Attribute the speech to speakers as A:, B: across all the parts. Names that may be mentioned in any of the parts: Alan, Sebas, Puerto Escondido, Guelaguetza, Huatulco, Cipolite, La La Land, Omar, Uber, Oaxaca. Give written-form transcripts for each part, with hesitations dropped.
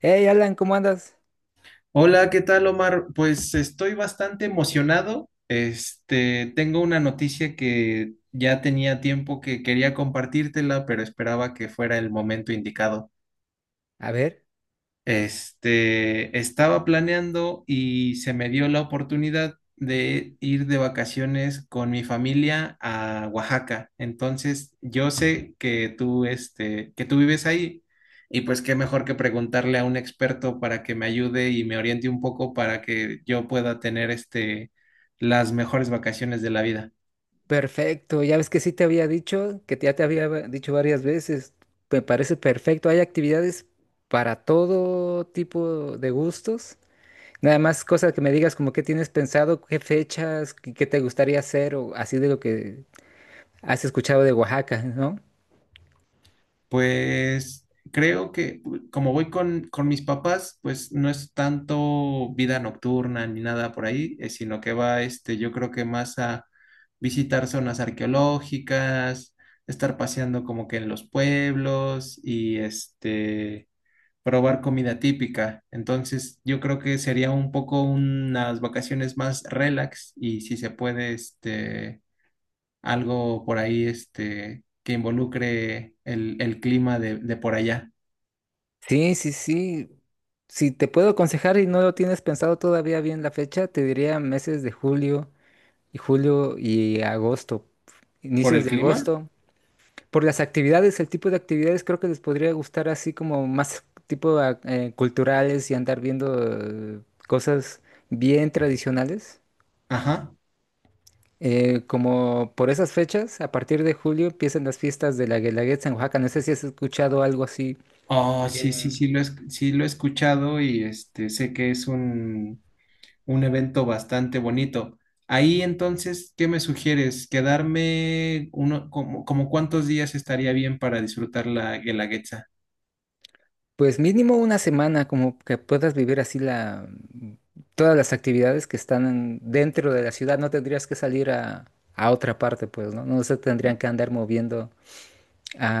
A: Hey Alan, ¿cómo andas?
B: Hola, ¿qué tal, Omar? Pues estoy bastante emocionado. Tengo una noticia que ya tenía tiempo que quería compartírtela, pero esperaba que fuera el momento indicado.
A: A ver,
B: Estaba planeando y se me dio la oportunidad de ir de vacaciones con mi familia a Oaxaca. Entonces, yo sé que tú, que tú vives ahí y pues qué mejor que preguntarle a un experto para que me ayude y me oriente un poco para que yo pueda tener las mejores vacaciones de la vida.
A: perfecto. Ya ves que sí te había dicho, que ya te había dicho varias veces. Me parece perfecto. Hay actividades para todo tipo de gustos. Nada más cosas que me digas como qué tienes pensado, qué fechas, qué te gustaría hacer o así de lo que has escuchado de Oaxaca, ¿no?
B: Pues creo que como voy con mis papás, pues no es tanto vida nocturna ni nada por ahí, sino que va, yo creo que más a visitar zonas arqueológicas, estar paseando como que en los pueblos y probar comida típica. Entonces, yo creo que sería un poco unas vacaciones más relax y si se puede, algo por ahí que involucre el clima de por allá.
A: Sí, sí, sí. Si te puedo aconsejar y no lo tienes pensado todavía bien la fecha, te diría meses de julio y agosto,
B: ¿Por
A: inicios
B: el
A: de
B: clima?
A: agosto. Por las actividades, el tipo de actividades creo que les podría gustar así como más tipo culturales y andar viendo cosas bien tradicionales.
B: Ajá.
A: Como por esas fechas, a partir de julio empiezan las fiestas de la Guelaguetza en Oaxaca. No sé si has escuchado algo así.
B: Oh, sí, sí,
A: Bien.
B: sí sí lo he escuchado y sé que es un evento bastante bonito. Ahí entonces, ¿qué me sugieres? ¿Quedarme uno, como, como cuántos días estaría bien para disfrutar la Guelaguetza?
A: Pues mínimo una semana, como que puedas vivir así la todas las actividades que están dentro de la ciudad. No tendrías que salir a otra parte, pues, ¿no? No se tendrían que andar moviendo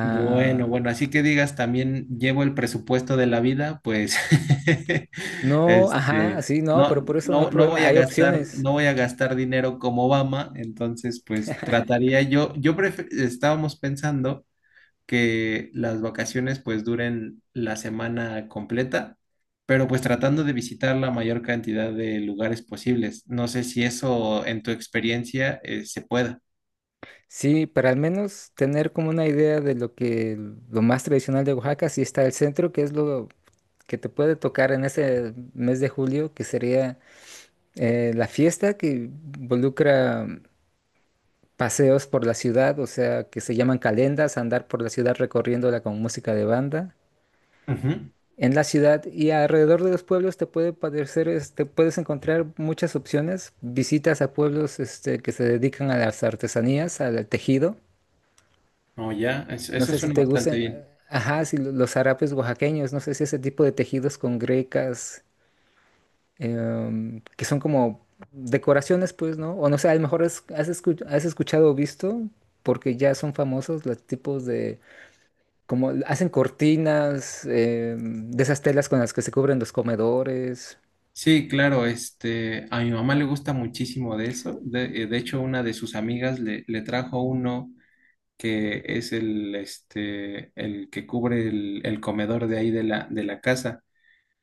B: Bueno, bueno, así que digas, también llevo el presupuesto de la vida, pues,
A: No, ajá,
B: este,
A: sí, no, pero
B: no,
A: por eso no hay
B: no, no
A: problema,
B: voy a
A: hay
B: gastar,
A: opciones.
B: no voy a gastar dinero como Obama, entonces, pues, trataría yo, estábamos pensando que las vacaciones, pues, duren la semana completa, pero pues tratando de visitar la mayor cantidad de lugares posibles. No sé si eso, en tu experiencia, se pueda.
A: Sí, para al menos tener como una idea de lo que lo más tradicional de Oaxaca, sí está el centro, que es lo que te puede tocar en ese mes de julio, que sería la fiesta que involucra paseos por la ciudad, o sea, que se llaman calendas, andar por la ciudad recorriéndola con música de banda.
B: Ujú.
A: En la ciudad y alrededor de los pueblos te puede parecer, puedes encontrar muchas opciones, visitas a pueblos que se dedican a las artesanías, al tejido.
B: Oh, ya,
A: No
B: eso
A: sé si
B: suena
A: te
B: bastante
A: gusten,
B: bien.
A: ajá, si los harapes oaxaqueños, no sé si ese tipo de tejidos con grecas, que son como decoraciones, pues, ¿no? O no sé, a lo mejor has escuchado o visto, porque ya son famosos los tipos de, como hacen cortinas, de esas telas con las que se cubren los comedores.
B: Sí, claro, a mi mamá le gusta muchísimo de eso. De hecho, una de sus amigas le trajo uno que es el que cubre el comedor de ahí de de la casa.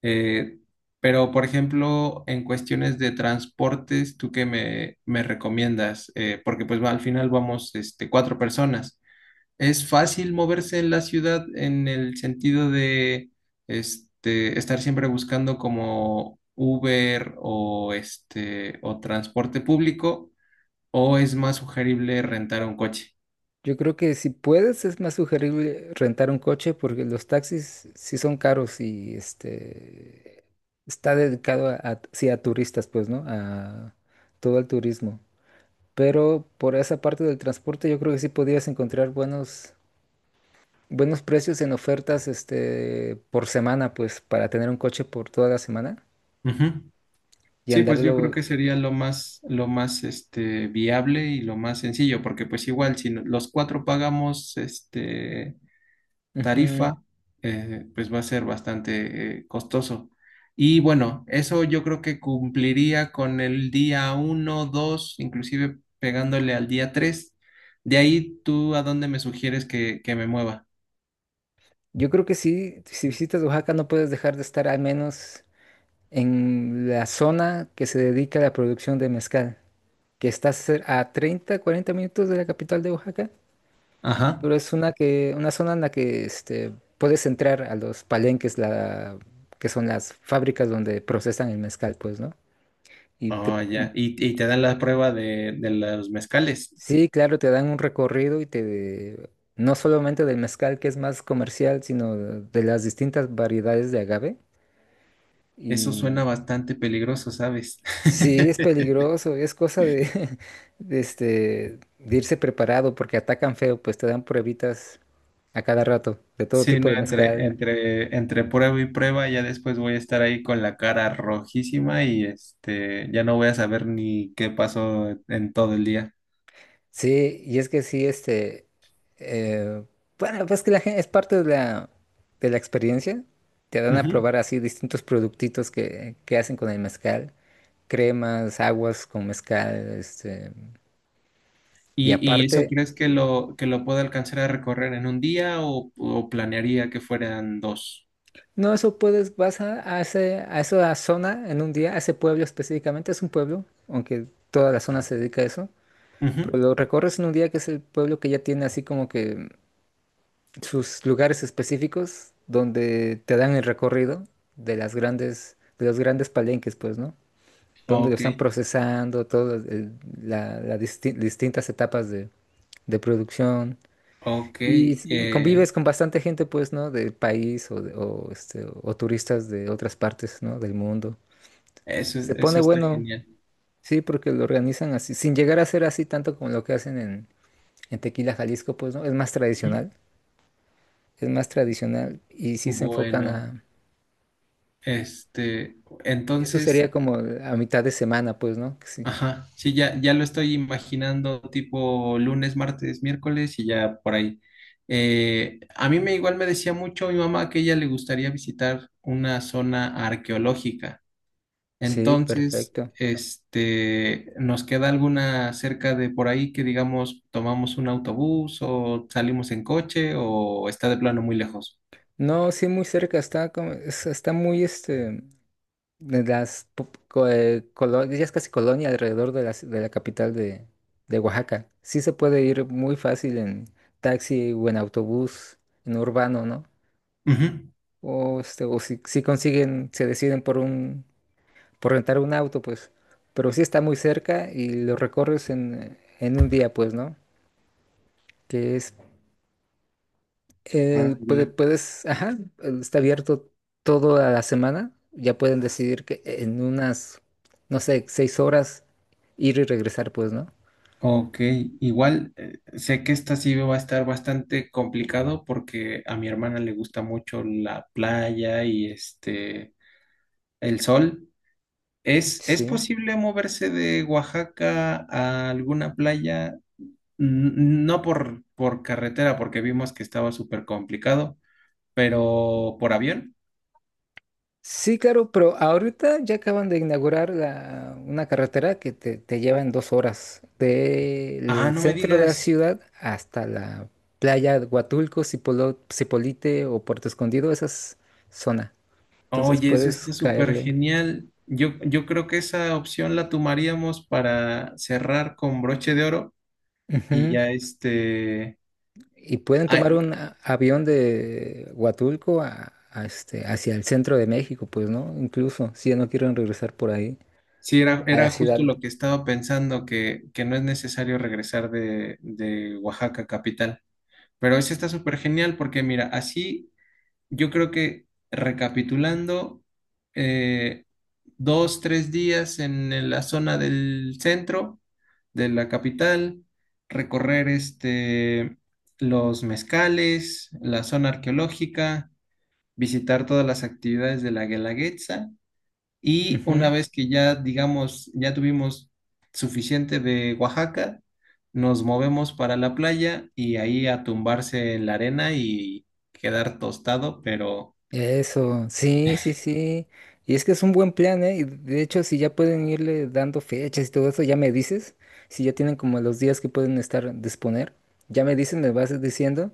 B: Eh, pero, por ejemplo, en cuestiones de transportes, ¿tú qué me recomiendas? Porque pues va, al final vamos, cuatro personas. Es fácil moverse en la ciudad en el sentido de estar siempre buscando como Uber o transporte público, o es más sugerible rentar un coche.
A: Yo creo que si puedes es más sugerible rentar un coche porque los taxis sí son caros y está dedicado sí, a turistas, pues, ¿no? A todo el turismo. Pero por esa parte del transporte yo creo que sí podías encontrar buenos precios en ofertas por semana, pues, para tener un coche por toda la semana
B: Ujú.
A: y
B: Sí, pues yo creo
A: andarlo.
B: que sería lo más viable y lo más sencillo, porque pues igual si los cuatro pagamos
A: Ujú.
B: tarifa, pues va a ser bastante costoso. Y bueno, eso yo creo que cumpliría con el día uno, 2, inclusive pegándole al día 3. De ahí, ¿tú a dónde me sugieres que me mueva?
A: Yo creo que sí, si visitas Oaxaca no puedes dejar de estar al menos en la zona que se dedica a la producción de mezcal, que está a 30-40 minutos de la capital de Oaxaca,
B: Ajá.
A: pero es una zona en la que puedes entrar a los palenques, que son las fábricas donde procesan el mezcal, pues, ¿no? Y te,
B: Oh, ya. Y te dan la prueba de los mezcales.
A: sí, claro, te dan un recorrido y te, no solamente del mezcal que es más comercial, sino de las distintas variedades de agave.
B: Eso suena
A: Y
B: bastante peligroso, ¿sabes?
A: Sí, es peligroso, es cosa de, de irse preparado porque atacan feo, pues te dan pruebitas a cada rato de todo
B: Sí,
A: tipo
B: no,
A: de
B: entre,
A: mezcal.
B: entre, entre prueba y prueba, ya después voy a estar ahí con la cara rojísima y ya no voy a saber ni qué pasó en todo el día.
A: Sí, y es que sí, eh, bueno, pues que la gente es parte de la experiencia. Te dan a
B: Ujú.
A: probar así distintos productitos que hacen con el mezcal, cremas, aguas con mezcal, y
B: Y, ¿y eso
A: aparte.
B: crees que que lo pueda alcanzar a recorrer en un día o planearía que fueran dos?
A: No, eso puedes, vas a esa zona en un día, a ese pueblo específicamente, es un pueblo, aunque toda la zona se dedica a eso, pero
B: Ujú.
A: lo recorres en un día que es el pueblo que ya tiene así como que sus lugares específicos donde te dan el recorrido de los grandes palenques, pues, ¿no? Donde lo
B: Ok,
A: están procesando, todas las distintas etapas de producción.
B: ok,
A: Y
B: eh,
A: convives con bastante gente, pues, ¿no? Del país o turistas de otras partes, ¿no? Del mundo. Se pone
B: eso está
A: bueno,
B: genial.
A: sí, porque lo organizan así, sin llegar a ser así tanto como lo que hacen en Tequila, Jalisco, pues, ¿no?
B: Ujú.
A: Es más tradicional y sí se enfocan
B: Bueno,
A: a...
B: este,
A: Eso
B: entonces.
A: sería como a mitad de semana, pues, ¿no? Que Sí,
B: Ajá, sí, ya, ya lo estoy imaginando tipo lunes, martes, miércoles y ya por ahí. A mí me igual me decía mucho mi mamá que ella le gustaría visitar una zona arqueológica.
A: sí,
B: Entonces,
A: perfecto.
B: nos queda alguna cerca de por ahí que digamos tomamos un autobús o salimos en coche o está de plano muy lejos.
A: No, sí, muy cerca, está muy, este... de las po- co- colo- ya es casi colonia alrededor de la capital de Oaxaca. Sí se puede ir muy fácil en taxi o en autobús, en urbano, ¿no?
B: Ujú.
A: O si, consiguen, se deciden por rentar un auto, pues. Pero sí está muy cerca y lo recorres en un día, pues, ¿no? Que es
B: Ah, ya.
A: puedes, ajá, está abierto toda la semana. Ya pueden decidir que en unas, no sé, 6 horas ir y regresar, pues, ¿no?
B: Ok, igual sé que esta sí va a estar bastante complicado porque a mi hermana le gusta mucho la playa y el sol. Es
A: Sí.
B: posible moverse de Oaxaca a alguna playa? N- No por, por carretera, porque vimos que estaba súper complicado, pero por avión.
A: Sí, claro, pero ahorita ya acaban de inaugurar una carretera que te lleva en 2 horas
B: Ah,
A: del
B: no me
A: centro de la
B: digas.
A: ciudad hasta la playa de Huatulco, Cipolite o Puerto Escondido, esa es zona. Entonces
B: Oye, eso
A: puedes
B: está súper
A: caerle.
B: genial. Yo creo que esa opción la tomaríamos para cerrar con broche de oro. Y
A: Ujú.
B: ya
A: Y pueden
B: ah,
A: tomar un avión de Huatulco hacia el centro de México, pues, ¿no? Incluso si ya no quieren regresar por ahí
B: sí, era,
A: a
B: era
A: la ciudad.
B: justo lo que estaba pensando, que no es necesario regresar de Oaxaca capital. Pero eso está súper genial porque mira, así yo creo que recapitulando, eh, dos, tres días en la zona del centro de la capital, recorrer los mezcales, la zona arqueológica, visitar todas las actividades de la Guelaguetza. Y
A: Ujú.
B: una vez que ya, digamos, ya tuvimos suficiente de Oaxaca, nos movemos para la playa y ahí a tumbarse en la arena y quedar tostado, pero
A: Eso, sí, sí, sí. Y es que es un buen plan, ¿eh? Y de hecho, si ya pueden irle dando fechas y todo eso, ya me dices, si ya tienen como los días que pueden estar disponer, ya me dices, me vas diciendo,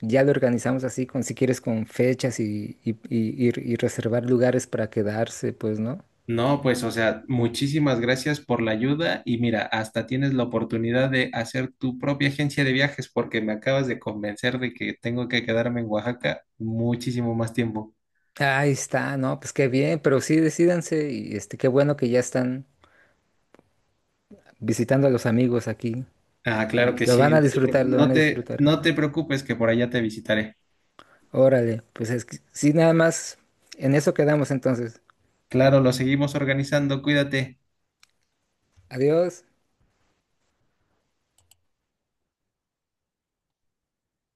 A: ya lo organizamos así, con, si quieres, con fechas y reservar lugares para quedarse, pues, ¿no?
B: no, pues, o sea, muchísimas gracias por la ayuda y mira, hasta tienes la oportunidad de hacer tu propia agencia de viajes porque me acabas de convencer de que tengo que quedarme en Oaxaca muchísimo más tiempo.
A: Ahí está, no, pues qué bien, pero sí decídanse y qué bueno que ya están visitando a los amigos aquí
B: Ah,
A: y
B: claro que
A: lo van
B: sí,
A: a disfrutar, lo
B: no
A: van a
B: te,
A: disfrutar.
B: no te preocupes que por allá te visitaré.
A: Órale, pues es que, sí, nada más, en eso quedamos entonces.
B: Claro, lo seguimos organizando. Cuídate.
A: Adiós.